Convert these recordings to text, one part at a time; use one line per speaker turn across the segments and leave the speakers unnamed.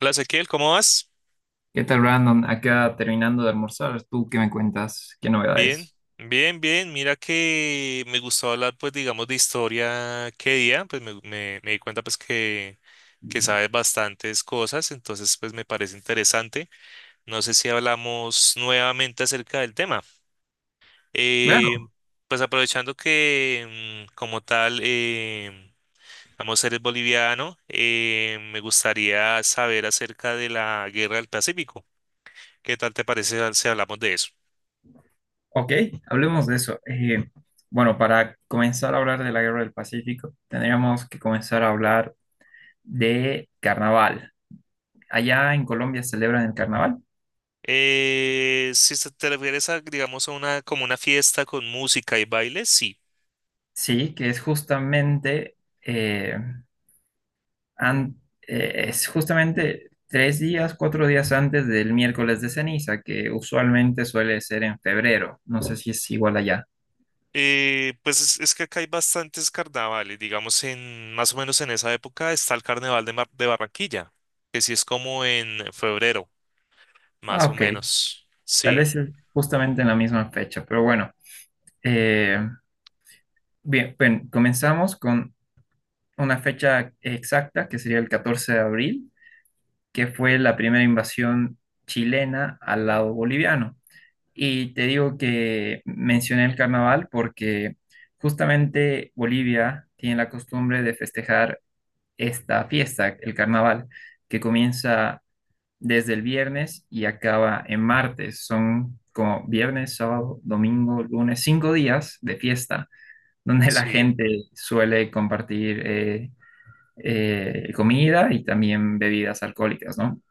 Hola Ezequiel, ¿cómo vas?
¿Qué tal, Brandon? Acá terminando de almorzar, ¿tú qué me cuentas? ¿Qué
Bien,
novedades?
bien, bien. Mira que me gustó hablar, pues, digamos, de historia qué día, pues me di cuenta, pues, que sabes bastantes cosas, entonces, pues, me parece interesante. No sé si hablamos nuevamente acerca del tema. Eh,
Claro,
pues, aprovechando que, como tal, vamos a ser boliviano, me gustaría saber acerca de la Guerra del Pacífico. ¿Qué tal te parece si hablamos de eso?
ok, hablemos de eso. Bueno, para comenzar a hablar de la Guerra del Pacífico, tendríamos que comenzar a hablar de carnaval. Allá en Colombia celebran el carnaval,
Si se te refieres a, digamos, a una, como una fiesta con música y baile, sí.
sí, que es justamente, eh, an- es justamente tres días, cuatro días antes del miércoles de ceniza, que usualmente suele ser en febrero. No sé si es igual allá.
Pues es que acá hay bastantes carnavales, digamos, en más o menos en esa época está el carnaval de, de Barranquilla, que sí es como en febrero,
Ah,
más o
ok.
menos.
Tal
Sí,
vez es justamente en la misma fecha, pero bueno. eh, bien, comenzamos con una fecha exacta, que sería el 14 de abril, que fue la primera invasión chilena al lado boliviano. Y te digo que mencioné el carnaval porque justamente Bolivia tiene la costumbre de festejar esta fiesta, el carnaval, que comienza desde el viernes y acaba en martes. Son como viernes, sábado, domingo, lunes, cinco días de fiesta, donde la
sí,
gente suele compartir comida y también bebidas alcohólicas, ¿no?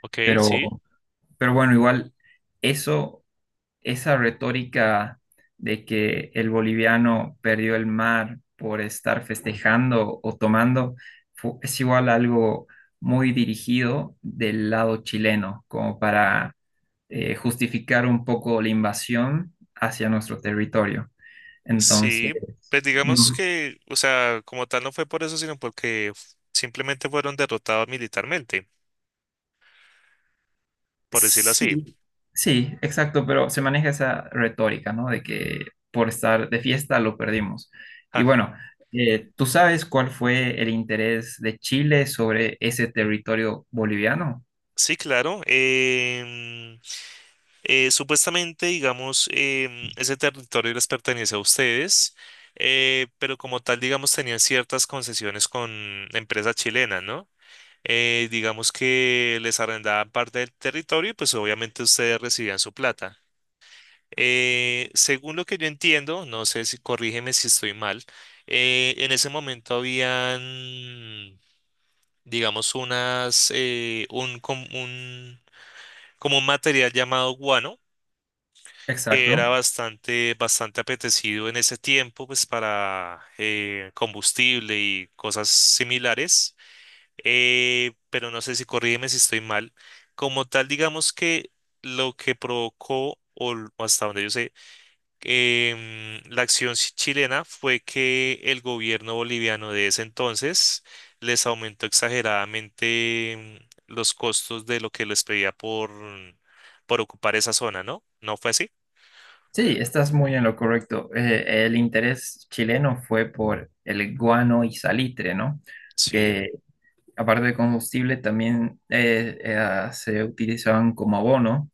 ok, sí,
Pero, pero bueno, igual eso esa retórica de que el boliviano perdió el mar por estar festejando o tomando es igual algo muy dirigido del lado chileno, como para justificar un poco la invasión hacia nuestro territorio.
sí.
Entonces,
Pues digamos
no.
que, o sea, como tal no fue por eso, sino porque simplemente fueron derrotados militarmente, por decirlo así.
Sí, sí, exacto, pero se maneja esa retórica, ¿no? De que por estar de fiesta lo perdimos. Y
Ajá.
bueno, ¿tú sabes cuál fue el interés de Chile sobre ese territorio boliviano?
Sí, claro. Supuestamente, digamos, ese territorio les pertenece a ustedes, pero como tal, digamos, tenían ciertas concesiones con empresas chilenas, ¿no? Digamos que les arrendaban parte del territorio y pues obviamente ustedes recibían su plata. Según lo que yo entiendo, no sé si corrígeme si estoy mal, en ese momento habían, digamos, un, como un material llamado guano. Era
Exacto.
bastante, bastante apetecido en ese tiempo, pues para combustible y cosas similares. Pero no sé si corrígeme si estoy mal. Como tal, digamos que lo que provocó, o hasta donde yo sé, la acción chilena fue que el gobierno boliviano de ese entonces les aumentó exageradamente los costos de lo que les pedía por ocupar esa zona, ¿no? ¿No fue así?
Sí, estás muy en lo correcto. El interés chileno fue por el guano y salitre, ¿no?
Sí.
Que aparte de combustible, también se utilizaban como abono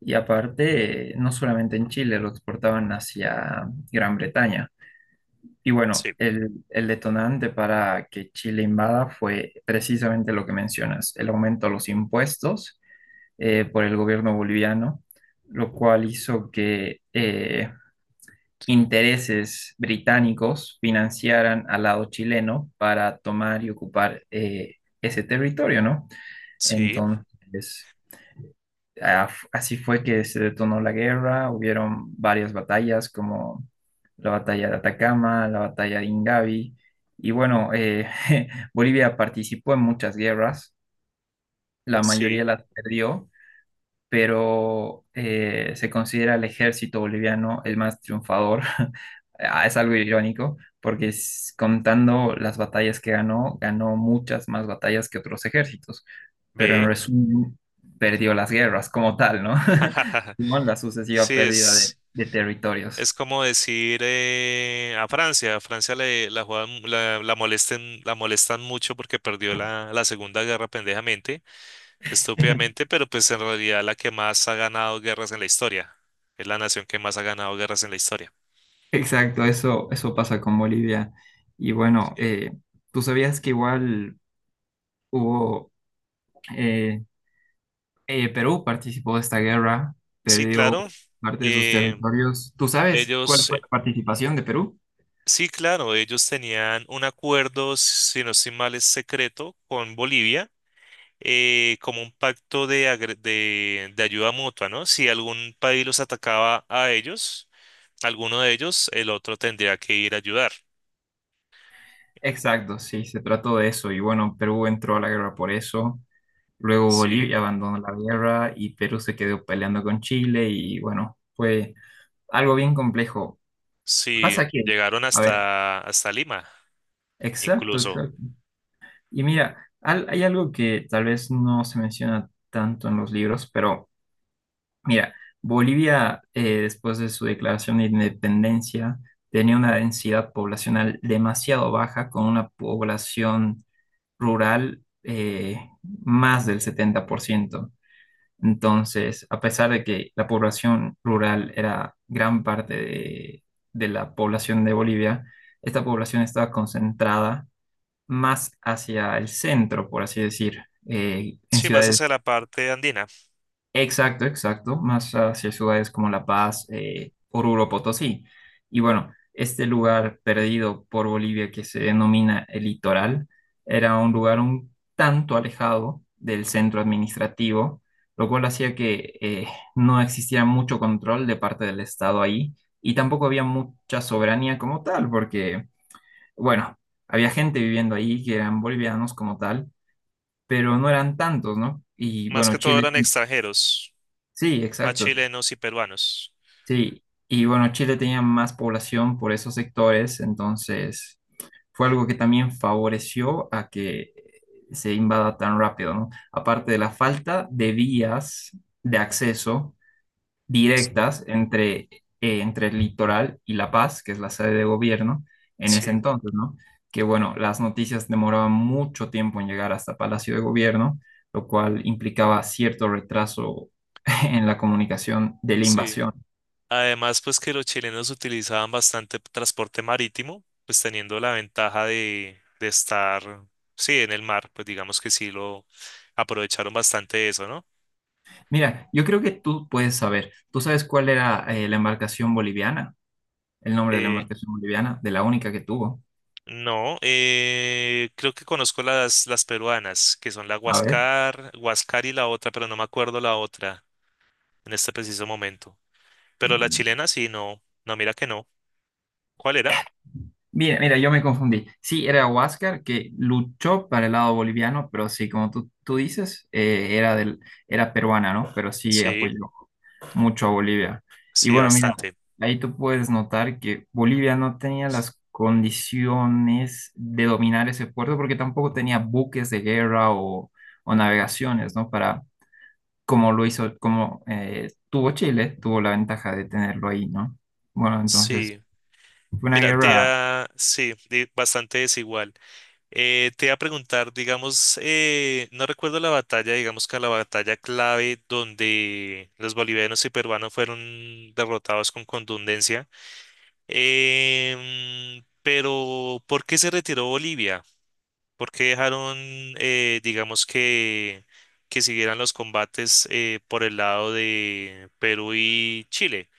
y aparte, no solamente en Chile, lo exportaban hacia Gran Bretaña. Y bueno,
Sí,
el detonante para que Chile invada fue precisamente lo que mencionas, el aumento a los impuestos por el gobierno boliviano, lo cual hizo que intereses británicos financiaran al lado chileno para tomar y ocupar ese territorio, ¿no?
sí,
Entonces, así fue que se detonó la guerra, hubieron varias batallas como la batalla de Atacama, la batalla de Ingavi, y bueno, Bolivia participó en muchas guerras, la mayoría
sí,
las perdió, pero se considera el ejército boliviano el más triunfador. Ah, es algo irónico, porque contando las batallas que ganó, ganó muchas más batallas que otros ejércitos, pero en
ve.
resumen perdió las guerras como tal, ¿no? Con la sucesiva
Sí,
pérdida de territorios.
es como decir a Francia. A Francia le, la, juegan- la, molesten, la molestan mucho porque perdió la Segunda Guerra pendejamente, estúpidamente, pero pues en realidad la que más ha ganado guerras en la historia. Es la nación que más ha ganado guerras en la historia.
Exacto, eso pasa con Bolivia. Y bueno,
Sí,
tú sabías que igual hubo, eh, Perú participó de esta guerra,
sí,
perdió
claro.
parte de sus
eh,
territorios. ¿Tú sabes cuál
ellos,
fue
eh,
la participación de Perú?
sí, claro, ellos tenían un acuerdo, si no estoy mal, es secreto con Bolivia como un pacto de, de ayuda mutua, ¿no? Si algún país los atacaba a ellos, alguno de ellos, el otro tendría que ir a ayudar.
Exacto, sí, se trató de eso. Y bueno, Perú entró a la guerra por eso. Luego
Sí,
Bolivia abandonó la guerra y Perú se quedó peleando con Chile y bueno, fue algo bien complejo.
sí,
Pasa que,
llegaron
a ver,
hasta, hasta Lima,
exacto,
incluso.
exacto. Y mira, hay algo que tal vez no se menciona tanto en los libros, pero mira, Bolivia después de su declaración de independencia tenía una densidad poblacional demasiado baja con una población rural más del 70%. Entonces, a pesar de que la población rural era gran parte de la población de Bolivia, esta población estaba concentrada más hacia el centro, por así decir, en
Sí, más
ciudades.
hacia la parte andina.
Exacto, exacto, más hacia ciudades como La Paz, Oruro, Potosí. Y bueno, este lugar perdido por Bolivia que se denomina el Litoral era un lugar un tanto alejado del centro administrativo, lo cual hacía que no existiera mucho control de parte del Estado ahí y tampoco había mucha soberanía como tal, porque, bueno, había gente viviendo ahí que eran bolivianos como tal, pero no eran tantos, ¿no? Y
Más
bueno,
que todo
Chile,
eran extranjeros,
sí,
más
exacto.
chilenos y peruanos.
Sí, y bueno, Chile tenía más población por esos sectores, entonces fue algo que también favoreció a que se invada tan rápido, ¿no? Aparte de la falta de vías de acceso directas entre, entre el litoral y La Paz, que es la sede de gobierno en ese
Sí,
entonces, ¿no? Que bueno, las noticias demoraban mucho tiempo en llegar hasta Palacio de Gobierno, lo cual implicaba cierto retraso en la comunicación de la
sí.
invasión.
Además, pues que los chilenos utilizaban bastante transporte marítimo, pues teniendo la ventaja de estar, sí, en el mar, pues digamos que sí lo aprovecharon bastante de eso, ¿no?
Mira, yo creo que tú puedes saber. ¿Tú sabes cuál era la embarcación boliviana? El nombre de la
Eh,
embarcación boliviana, de la única que tuvo.
no, creo que conozco las peruanas, que son la
A ver.
Huascar, Huascar y la otra, pero no me acuerdo la otra en este preciso momento. Pero la chilena sí, no, no, mira que no. ¿Cuál era?
Mira, yo me confundí. Sí, era Huáscar que luchó para el lado boliviano, pero sí, como tú dices, era era peruana, ¿no? Pero sí
Sí,
apoyó mucho a Bolivia. Y
sí,
bueno, mira,
bastante.
ahí tú puedes notar que Bolivia no tenía las condiciones de dominar ese puerto porque tampoco tenía buques de guerra o navegaciones, ¿no? Para, como lo hizo, como tuvo Chile, tuvo la ventaja de tenerlo ahí, ¿no? Bueno, entonces
Sí,
fue una
mira, te
guerra.
da, sí, bastante desigual. Te iba a preguntar, digamos, no recuerdo la batalla, digamos que la batalla clave donde los bolivianos y peruanos fueron derrotados con contundencia. Pero, ¿por qué se retiró Bolivia? ¿Por qué dejaron, digamos que siguieran los combates por el lado de Perú y Chile?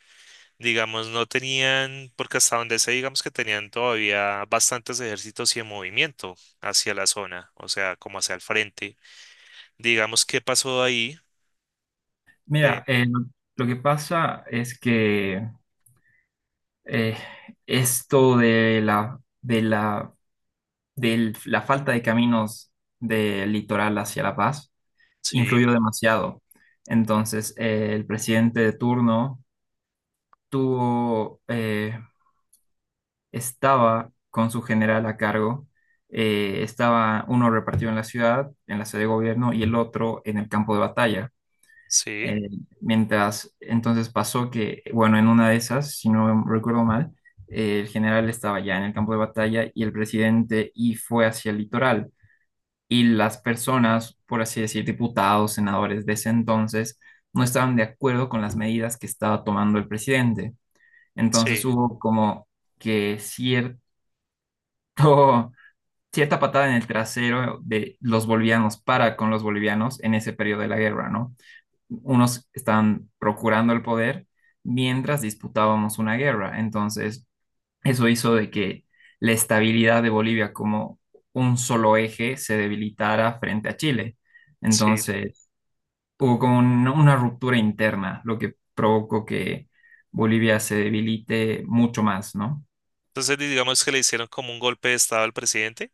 Digamos, no tenían, porque hasta donde sé, digamos que tenían todavía bastantes ejércitos y en movimiento hacia la zona, o sea, como hacia el frente. Digamos, ¿qué pasó ahí? De,
Mira, lo que pasa es que eh, esto de la falta de caminos del litoral hacia La Paz
sí,
influyó demasiado. Entonces, el presidente de turno tuvo, eh, estaba con su general a cargo, estaba uno repartido en la ciudad, en la sede de gobierno, y el otro en el campo de batalla.
sí,
Eh, mientras, entonces pasó que, bueno, en una de esas, si no recuerdo mal, el general estaba ya en el campo de batalla y el presidente y fue hacia el litoral. Y las personas, por así decir, diputados, senadores de ese entonces, no estaban de acuerdo con las medidas que estaba tomando el presidente.
sí,
Entonces hubo como que cierto, cierta patada en el trasero de los bolivianos para con los bolivianos en ese periodo de la guerra, ¿no? Unos estaban procurando el poder mientras disputábamos una guerra. Entonces eso hizo de que la estabilidad de Bolivia como un solo eje se debilitara frente a Chile.
sí.
Entonces, hubo como una ruptura interna, lo que provocó que Bolivia se debilite mucho más, ¿no?
Entonces, digamos que le hicieron como un golpe de estado al presidente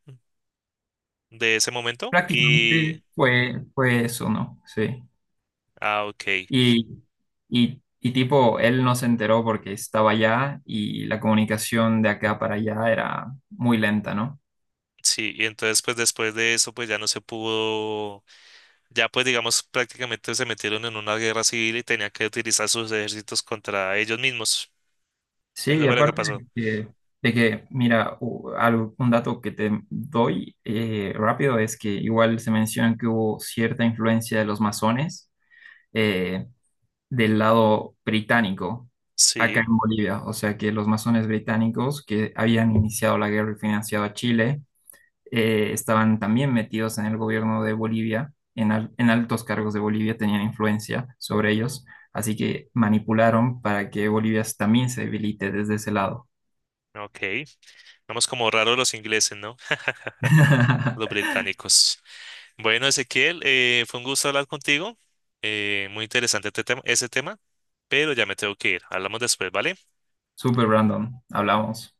de ese momento y,
Prácticamente fue eso, ¿no? Sí.
ah, ok,
Y, y tipo, él no se enteró porque estaba allá y la comunicación de acá para allá era muy lenta, ¿no?
sí, y entonces, pues después de eso, pues ya no se pudo, ya pues digamos, prácticamente se metieron en una guerra civil y tenían que utilizar sus ejércitos contra ellos mismos.
Sí,
Eso
y
fue lo que
aparte
pasó.
de que, mira, un dato que te doy rápido es que igual se menciona que hubo cierta influencia de los masones eh, del lado británico
Sí,
acá en Bolivia. O sea que los masones británicos que habían iniciado la guerra y financiado a Chile estaban también metidos en el gobierno de Bolivia, en, en altos cargos de Bolivia tenían influencia sobre ellos. Así que manipularon para que Bolivia también se debilite desde ese lado.
ok. Vamos como raros los ingleses, ¿no? Los británicos. Bueno, Ezequiel, fue un gusto hablar contigo. Muy interesante este tema, ese tema, pero ya me tengo que ir. Hablamos después, ¿vale?
Super Brandon, hablamos.